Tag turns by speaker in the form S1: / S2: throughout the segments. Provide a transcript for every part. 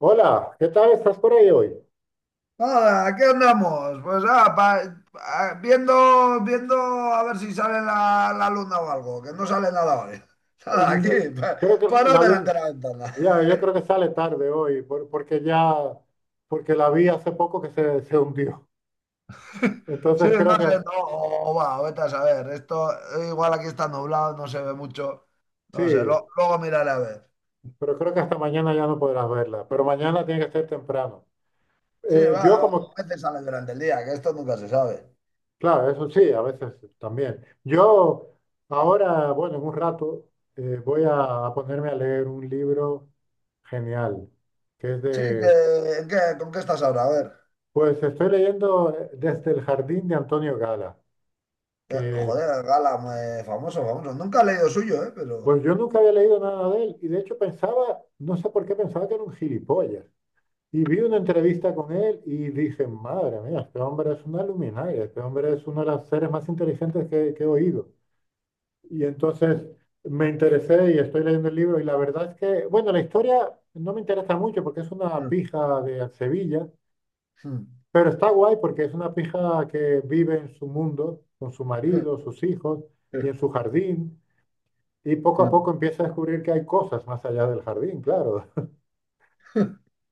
S1: Hola, ¿qué tal? ¿Estás por ahí hoy?
S2: Nada, aquí andamos. Pues viendo, viendo a ver si sale la luna o algo, que no sale nada hoy. Nada,
S1: Mm.
S2: aquí, pa-
S1: Creo que
S2: parado
S1: la luz,
S2: delante de la ventana.
S1: ya, yo creo que sale tarde hoy, porque la vi hace poco que se hundió.
S2: Sí,
S1: Entonces
S2: no
S1: creo que,
S2: sé, no, vete a saber. Esto igual aquí está nublado, no se ve mucho. No sé,
S1: sí,
S2: luego miraré a ver.
S1: pero creo que hasta mañana ya no podrás verla, pero mañana tiene que ser temprano.
S2: Sí, va,
S1: Yo como,
S2: a veces sale durante el día, que esto nunca se sabe.
S1: claro, eso sí, a veces también. Yo ahora, bueno, en un rato voy a ponerme a leer un libro genial, que es
S2: Sí,
S1: de.
S2: ¿con qué estás ahora? A ver.
S1: Pues estoy leyendo desde el jardín de Antonio Gala, que
S2: Joder, Gala, famoso, famoso. Nunca he leído suyo, ¿eh? Pero.
S1: pues yo nunca había leído nada de él y de hecho pensaba, no sé por qué pensaba que era un gilipollas. Y vi una entrevista con él y dije, madre mía, este hombre es una luminaria, este hombre es uno de los seres más inteligentes que he oído. Y entonces me interesé y estoy leyendo el libro y la verdad es que, bueno, la historia no me interesa mucho porque es una
S2: Mm,
S1: pija de Sevilla.
S2: mm.
S1: Pero está guay porque es una pija que vive en su mundo, con su marido, sus hijos
S2: Sí,
S1: y en su jardín, y poco a poco empieza a descubrir que hay cosas más allá del jardín, claro.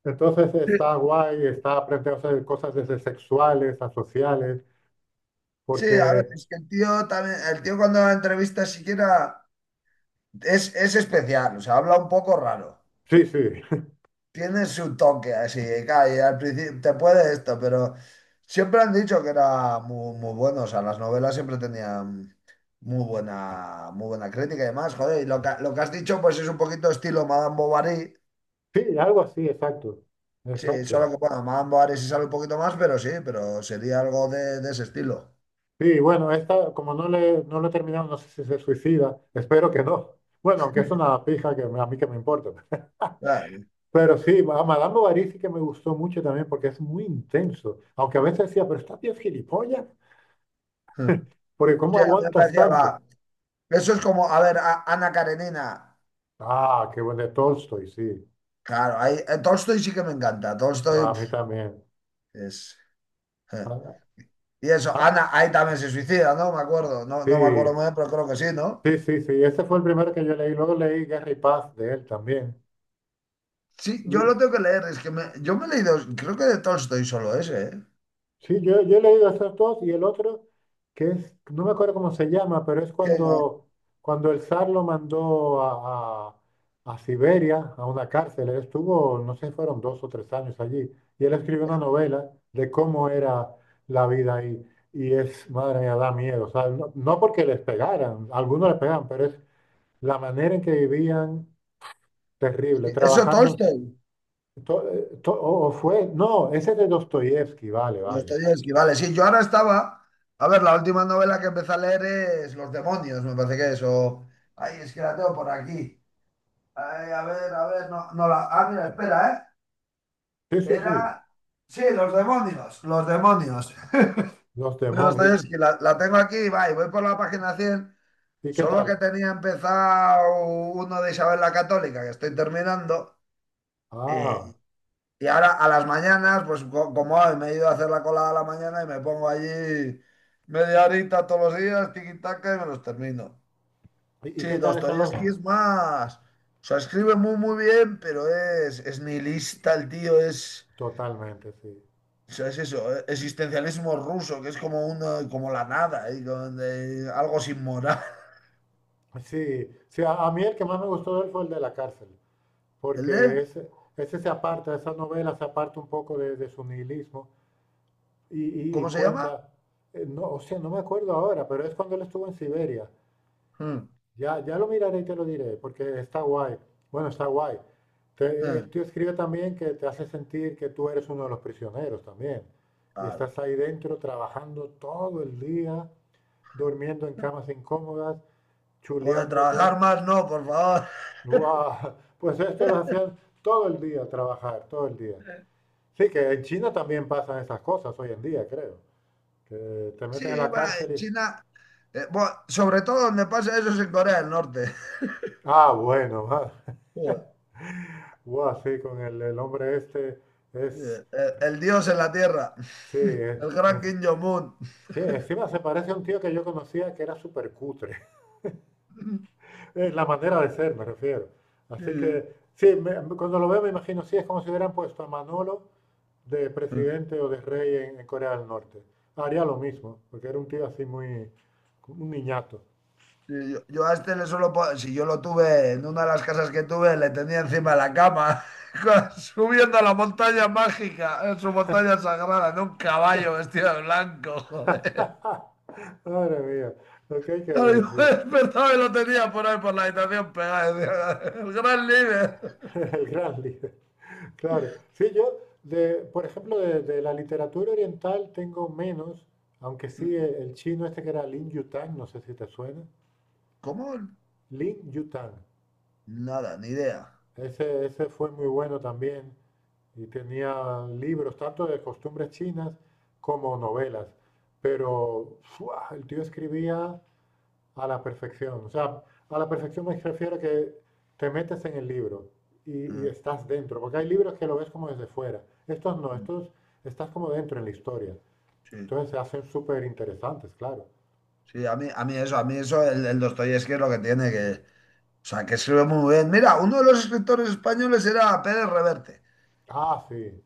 S1: Entonces está guay, está aprendiendo a hacer cosas desde sexuales a sociales,
S2: sí, a ver,
S1: porque
S2: es que el tío también, el tío cuando la entrevista siquiera es especial, o sea, habla un poco raro.
S1: sí, sí,
S2: Tiene su toque así, claro, y al principio te puede esto, pero siempre han dicho que era muy, muy bueno, o sea, las novelas siempre tenían muy buena crítica y demás, joder, y lo que has dicho pues es un poquito estilo Madame Bovary,
S1: sí, algo así, exacto,
S2: sí,
S1: exacto.
S2: solo que bueno, Madame Bovary sí sale un poquito más, pero sí, pero sería algo de ese estilo.
S1: Sí, bueno, esta, como no lo he terminado, no sé si se suicida, espero que no. Bueno, aunque es una pija a mí que me importa.
S2: Claro.
S1: Pero sí, a Madame Bovary sí que me gustó mucho también porque es muy intenso. Aunque a veces decía, pero estás bien gilipollas, porque ¿cómo
S2: Sí, a mí me
S1: aguantas
S2: parecía,
S1: tanto?
S2: va, eso es como, a ver, Ana Karenina.
S1: Ah, qué bueno de Tolstoy, sí.
S2: Claro, ahí, Tolstoy sí que me encanta. Tolstoy
S1: Guau, a
S2: pf,
S1: mí también.
S2: es. eh.
S1: Ah,
S2: Y eso,
S1: ah,
S2: Ana, ahí también se suicida, ¿no? Me acuerdo. No, no me acuerdo
S1: sí,
S2: muy bien, pero creo que sí, ¿no?
S1: sí, sí, sí. Ese fue el primero que yo leí. Luego leí Guerra y Paz de él también.
S2: Sí, yo
S1: Y,
S2: lo tengo que leer. Es que yo me he leído, creo que de Tolstoy solo ese, ¿eh?
S1: sí, yo he leído esos dos y el otro, que es, no me acuerdo cómo se llama, pero es
S2: ¿Quién
S1: cuando el zar lo mandó a Siberia, a una cárcel. Él estuvo, no sé, fueron 2 o 3 años allí. Y él escribió una novela de cómo era la vida ahí. Y es, madre mía, da miedo. O sea, no, no porque les pegaran, algunos les pegaban, pero es la manera en que vivían terrible,
S2: es? Eso,
S1: trabajando.
S2: Tolstoy.
S1: No, ese es de Dostoyevsky, vale, vale.
S2: Dostoyevski, vale. Sí, yo ahora estaba. A ver, la última novela que empecé a leer es Los demonios, me parece que es. O. Ay, es que la tengo por aquí. Ay, a ver, no, no la. Ah, mira, espera, ¿eh?
S1: Sí, sí, sí.
S2: Era. Sí, los demonios, los demonios.
S1: Los demonios.
S2: Dostoyevsky, la tengo aquí, va, y voy por la página 100.
S1: ¿Y qué
S2: Solo que
S1: tal?
S2: tenía empezado uno de Isabel la Católica, que estoy terminando.
S1: Ah,
S2: Y, y ahora a las mañanas, pues como hoy me he ido a hacer la colada a la mañana y me pongo allí media horita todos los días, tiquitaca, y me los termino.
S1: ¿y qué
S2: Sí,
S1: tal están los?
S2: Dostoyevsky es más. O sea, escribe muy, muy bien, pero es nihilista el tío, es.
S1: Totalmente, sí.
S2: O sea, es eso, existencialismo ruso, que es como una, como la nada, y con, algo sin moral.
S1: Sí, sí, a mí el que más me gustó de él fue el de la cárcel,
S2: ¿El
S1: porque
S2: de?
S1: ese se aparta, esa novela se aparta un poco de su nihilismo y, y
S2: ¿Cómo se llama?
S1: cuenta, no, o sea, no me acuerdo ahora, pero es cuando él estuvo en Siberia.
S2: Hmm,
S1: Ya, ya lo miraré y te lo diré, porque está guay. Bueno, está guay. Te-
S2: eh,
S1: el tío escribe también que te hace sentir que tú eres uno de los prisioneros también. Y
S2: claro.
S1: estás ahí dentro trabajando todo el día, durmiendo en camas incómodas,
S2: Joder,
S1: chuleándote.
S2: trabajar más no, por favor.
S1: Guau. Pues esto lo hacían todo el día, trabajar, todo el día. Sí, que en China también pasan esas cosas hoy en día, creo. Que te
S2: Sí,
S1: meten en la
S2: va,
S1: cárcel
S2: en
S1: y.
S2: China. Bueno, sobre todo donde pasa eso es en Corea del Norte.
S1: Ah, bueno,
S2: Joder,
S1: guau, sí, con el hombre este es.
S2: el dios en la tierra.
S1: Sí,
S2: El gran Kim Jong-un.
S1: sí, encima se parece a un tío que yo conocía que era súper cutre. La manera de ser, me refiero. Así
S2: Sí,
S1: que, sí, cuando lo veo me imagino, sí, es como si hubieran puesto a Manolo de
S2: sí.
S1: presidente o de rey en Corea del Norte. Haría lo mismo, porque era un tío así muy, un niñato.
S2: Sí, yo a este le solo si yo lo tuve en una de las casas que tuve, le tenía encima de la cama, subiendo a la montaña mágica, en su montaña sagrada, en un caballo vestido de blanco, joder.
S1: Madre mía, lo que hay que
S2: Claro,
S1: ver,
S2: yo me
S1: sí.
S2: despertaba y lo tenía por ahí por la habitación pegado. Decía, El gran líder.
S1: El gran líder. Claro, sí, yo, de, por ejemplo, de la literatura oriental tengo menos, aunque sí, el chino este que era Lin Yutang, no sé si te suena,
S2: ¿Cómo?
S1: Lin Yutang,
S2: Nada, ni idea.
S1: ese fue muy bueno también y tenía libros tanto de costumbres chinas como novelas, pero ¡fua! El tío escribía a la perfección. O sea, a la perfección me refiero a que te metes en el libro y
S2: Mm,
S1: estás dentro, porque hay libros que lo ves como desde fuera. Estos no,
S2: mm.
S1: estos estás como dentro en la historia.
S2: Sí,
S1: Entonces se hacen súper interesantes, claro.
S2: sí, a mí eso, el Dostoyevski es lo que tiene que. O sea, que sirve muy bien. Mira, uno de los escritores españoles era Pérez Reverte.
S1: Ah, sí,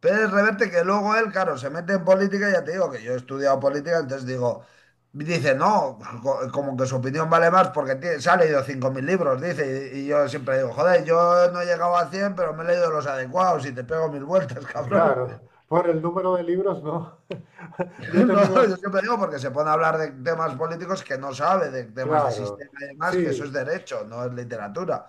S2: Pérez Reverte, que luego él, claro, se mete en política, ya te digo que yo he estudiado política, entonces digo, dice, no, como que su opinión vale más porque se ha leído 5.000 libros, dice, y yo siempre digo, joder, yo no he llegado a 100 pero me he leído los adecuados y te pego mil vueltas, cabrón.
S1: claro. Por el número de libros, no. Yo he
S2: No,
S1: tenido,
S2: yo siempre digo porque se pone a hablar de temas políticos que no sabe, de temas de
S1: claro,
S2: sistema y demás, que eso
S1: sí.
S2: es derecho, no es literatura.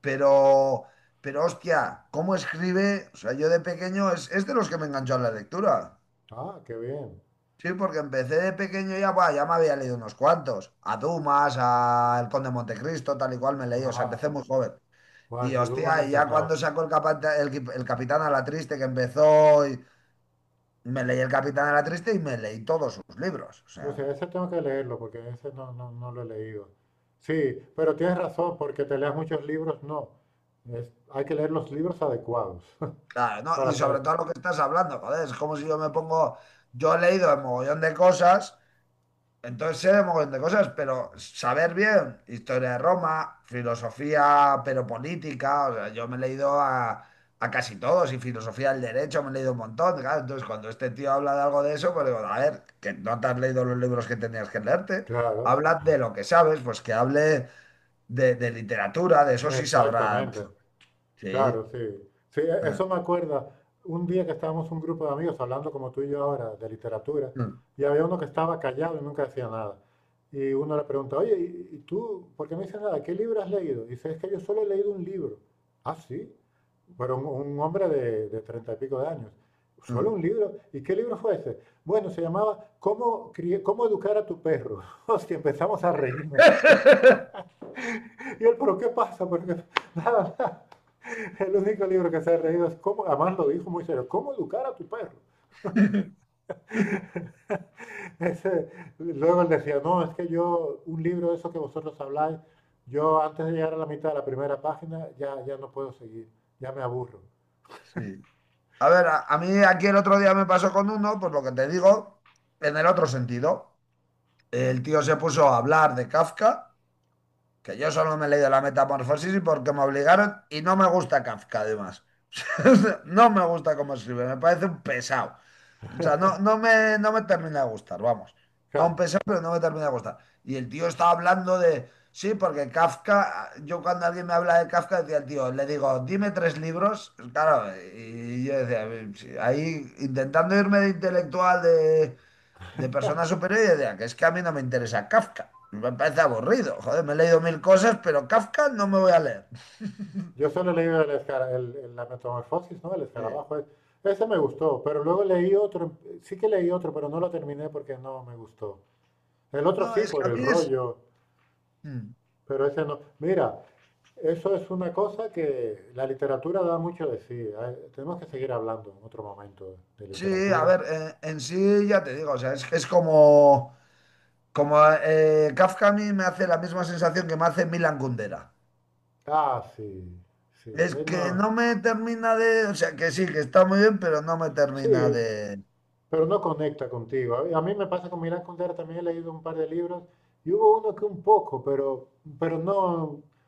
S2: Pero, pero hostia, ¿cómo escribe? O sea, yo de pequeño es de los que me enganchó a la lectura.
S1: Ah, qué bien.
S2: Sí, porque empecé de pequeño ya, buah, ya me había leído unos cuantos. A Dumas, a El Conde de Montecristo, tal y cual me leí. O sea, empecé muy
S1: Wow.
S2: joven.
S1: Wow,
S2: Y
S1: ese Dumas me
S2: hostia, y ya cuando
S1: encantaba.
S2: sacó el, capata- el, qui- el Capitán a la Triste, que empezó, y me leí el Capitán a la Triste y me leí todos sus libros. O
S1: O sea,
S2: sea,
S1: ese tengo que leerlo porque ese no, no, no lo he leído. Sí, pero tienes razón, porque te leas muchos libros, no. Hay que leer los libros adecuados
S2: claro, ¿no? Y
S1: para
S2: sobre
S1: saber.
S2: todo lo que estás hablando, joder, es como si yo me pongo. Yo he leído un mogollón de cosas. Entonces sé de mogollón de cosas, pero saber bien historia de Roma, filosofía, pero política, o sea, yo me he leído a casi todos y filosofía del derecho me he leído un montón, claro, entonces cuando este tío habla de algo de eso, pues digo, a ver, que no te has leído los libros que tenías que leerte,
S1: Claro,
S2: habla de lo que sabes, pues que hable de literatura, de eso sí sabrá.
S1: exactamente. Claro,
S2: Sí.
S1: sí. Sí, eso me acuerda. Un día que estábamos un grupo de amigos hablando como tú y yo ahora de literatura, y había uno que estaba callado y nunca decía nada. Y uno le pregunta, oye, ¿y tú por qué no dices nada? ¿Qué libro has leído? Y dice, es que yo solo he leído un libro. Ah, sí. Pero un hombre de 30 y pico de años. ¿Solo un libro? ¿Y qué libro fue ese? Bueno, se llamaba ¿Cómo educar a tu perro? Hostia, empezamos a reírnos. Y él, ¿pero qué pasa? Porque nada, nada. El único libro que se ha reído es cómo, además lo dijo muy serio, cómo educar a tu perro. Ese- luego él decía, no, es que yo, un libro de eso que vosotros habláis, yo antes de llegar a la mitad de la primera página ya, ya no puedo seguir, ya me aburro.
S2: Sí. A ver, a mí aquí el otro día me pasó con uno, pues lo que te digo, en el otro sentido. El tío se puso a hablar de Kafka, que yo solo me he leído la metamorfosis y porque me obligaron y no me gusta Kafka además. No me gusta cómo escribe, me parece un pesado. O sea, no, no me termina de gustar, vamos. No un
S1: Claro,
S2: pesado, pero no me termina de gustar. Y el tío estaba hablando de, sí, porque Kafka, yo cuando alguien me habla de Kafka, decía el tío, le digo, dime tres libros, claro, y yo decía, "Sí, ahí intentando irme de intelectual de personas superiores y decía que es que a mí no me interesa Kafka. Me parece aburrido. Joder, me he leído mil cosas, pero Kafka no me voy a leer.
S1: yo solo he leído el escara- el- la metamorfosis, ¿no? El
S2: Sí.
S1: escarabajo. Ese me gustó, pero luego leí otro, sí que leí otro, pero no lo terminé porque no me gustó. El otro
S2: No,
S1: sí,
S2: es que
S1: por
S2: a
S1: el
S2: mí es...
S1: rollo.
S2: Mm.
S1: Pero ese no. Mira, eso es una cosa que la literatura da mucho de sí. Tenemos que seguir hablando en otro momento de
S2: Sí, a
S1: literatura.
S2: ver, sí ya te digo, o sea, es que es como... Como Kafka a mí me hace la misma sensación que me hace Milan Kundera.
S1: Ah, sí, sí.
S2: Es
S1: Es
S2: que
S1: una-
S2: no me termina de... O sea, que sí, que está muy bien, pero no me
S1: sí,
S2: termina de...
S1: pero no conecta contigo. A mí me pasa con Milán Kundera, también he leído un par de libros y hubo uno que un poco, pero no.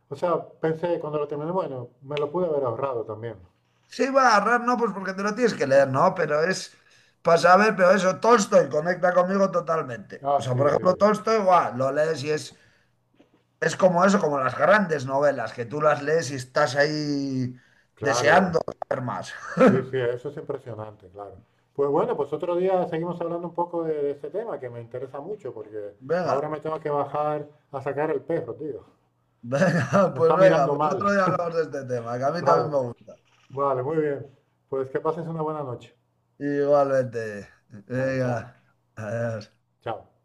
S1: O sea, pensé cuando lo terminé, bueno, me lo pude haber ahorrado también.
S2: Sí, va, a agarrar no, pues porque te lo tienes que leer, ¿no? Pero es para saber, pero eso, Tolstoy conecta conmigo totalmente. O
S1: Ah,
S2: sea,
S1: sí,
S2: por
S1: sí.
S2: ejemplo, Tolstoy, guau, lo lees y es como eso, como las grandes novelas, que tú las lees y estás ahí
S1: Claro,
S2: deseando saber más.
S1: sí, sí, eso es impresionante, claro. Pues bueno, pues otro día seguimos hablando un poco de este tema que me interesa mucho porque ahora
S2: Venga,
S1: me tengo que bajar a sacar el perro, tío. Me está
S2: venga,
S1: mirando
S2: pues otro
S1: mal.
S2: día hablamos de este tema, que a mí también
S1: Vale,
S2: me gusta.
S1: vale, muy bien. Pues que pases una buena noche.
S2: Igualmente.
S1: Vale, chao,
S2: Venga, adiós.
S1: chao.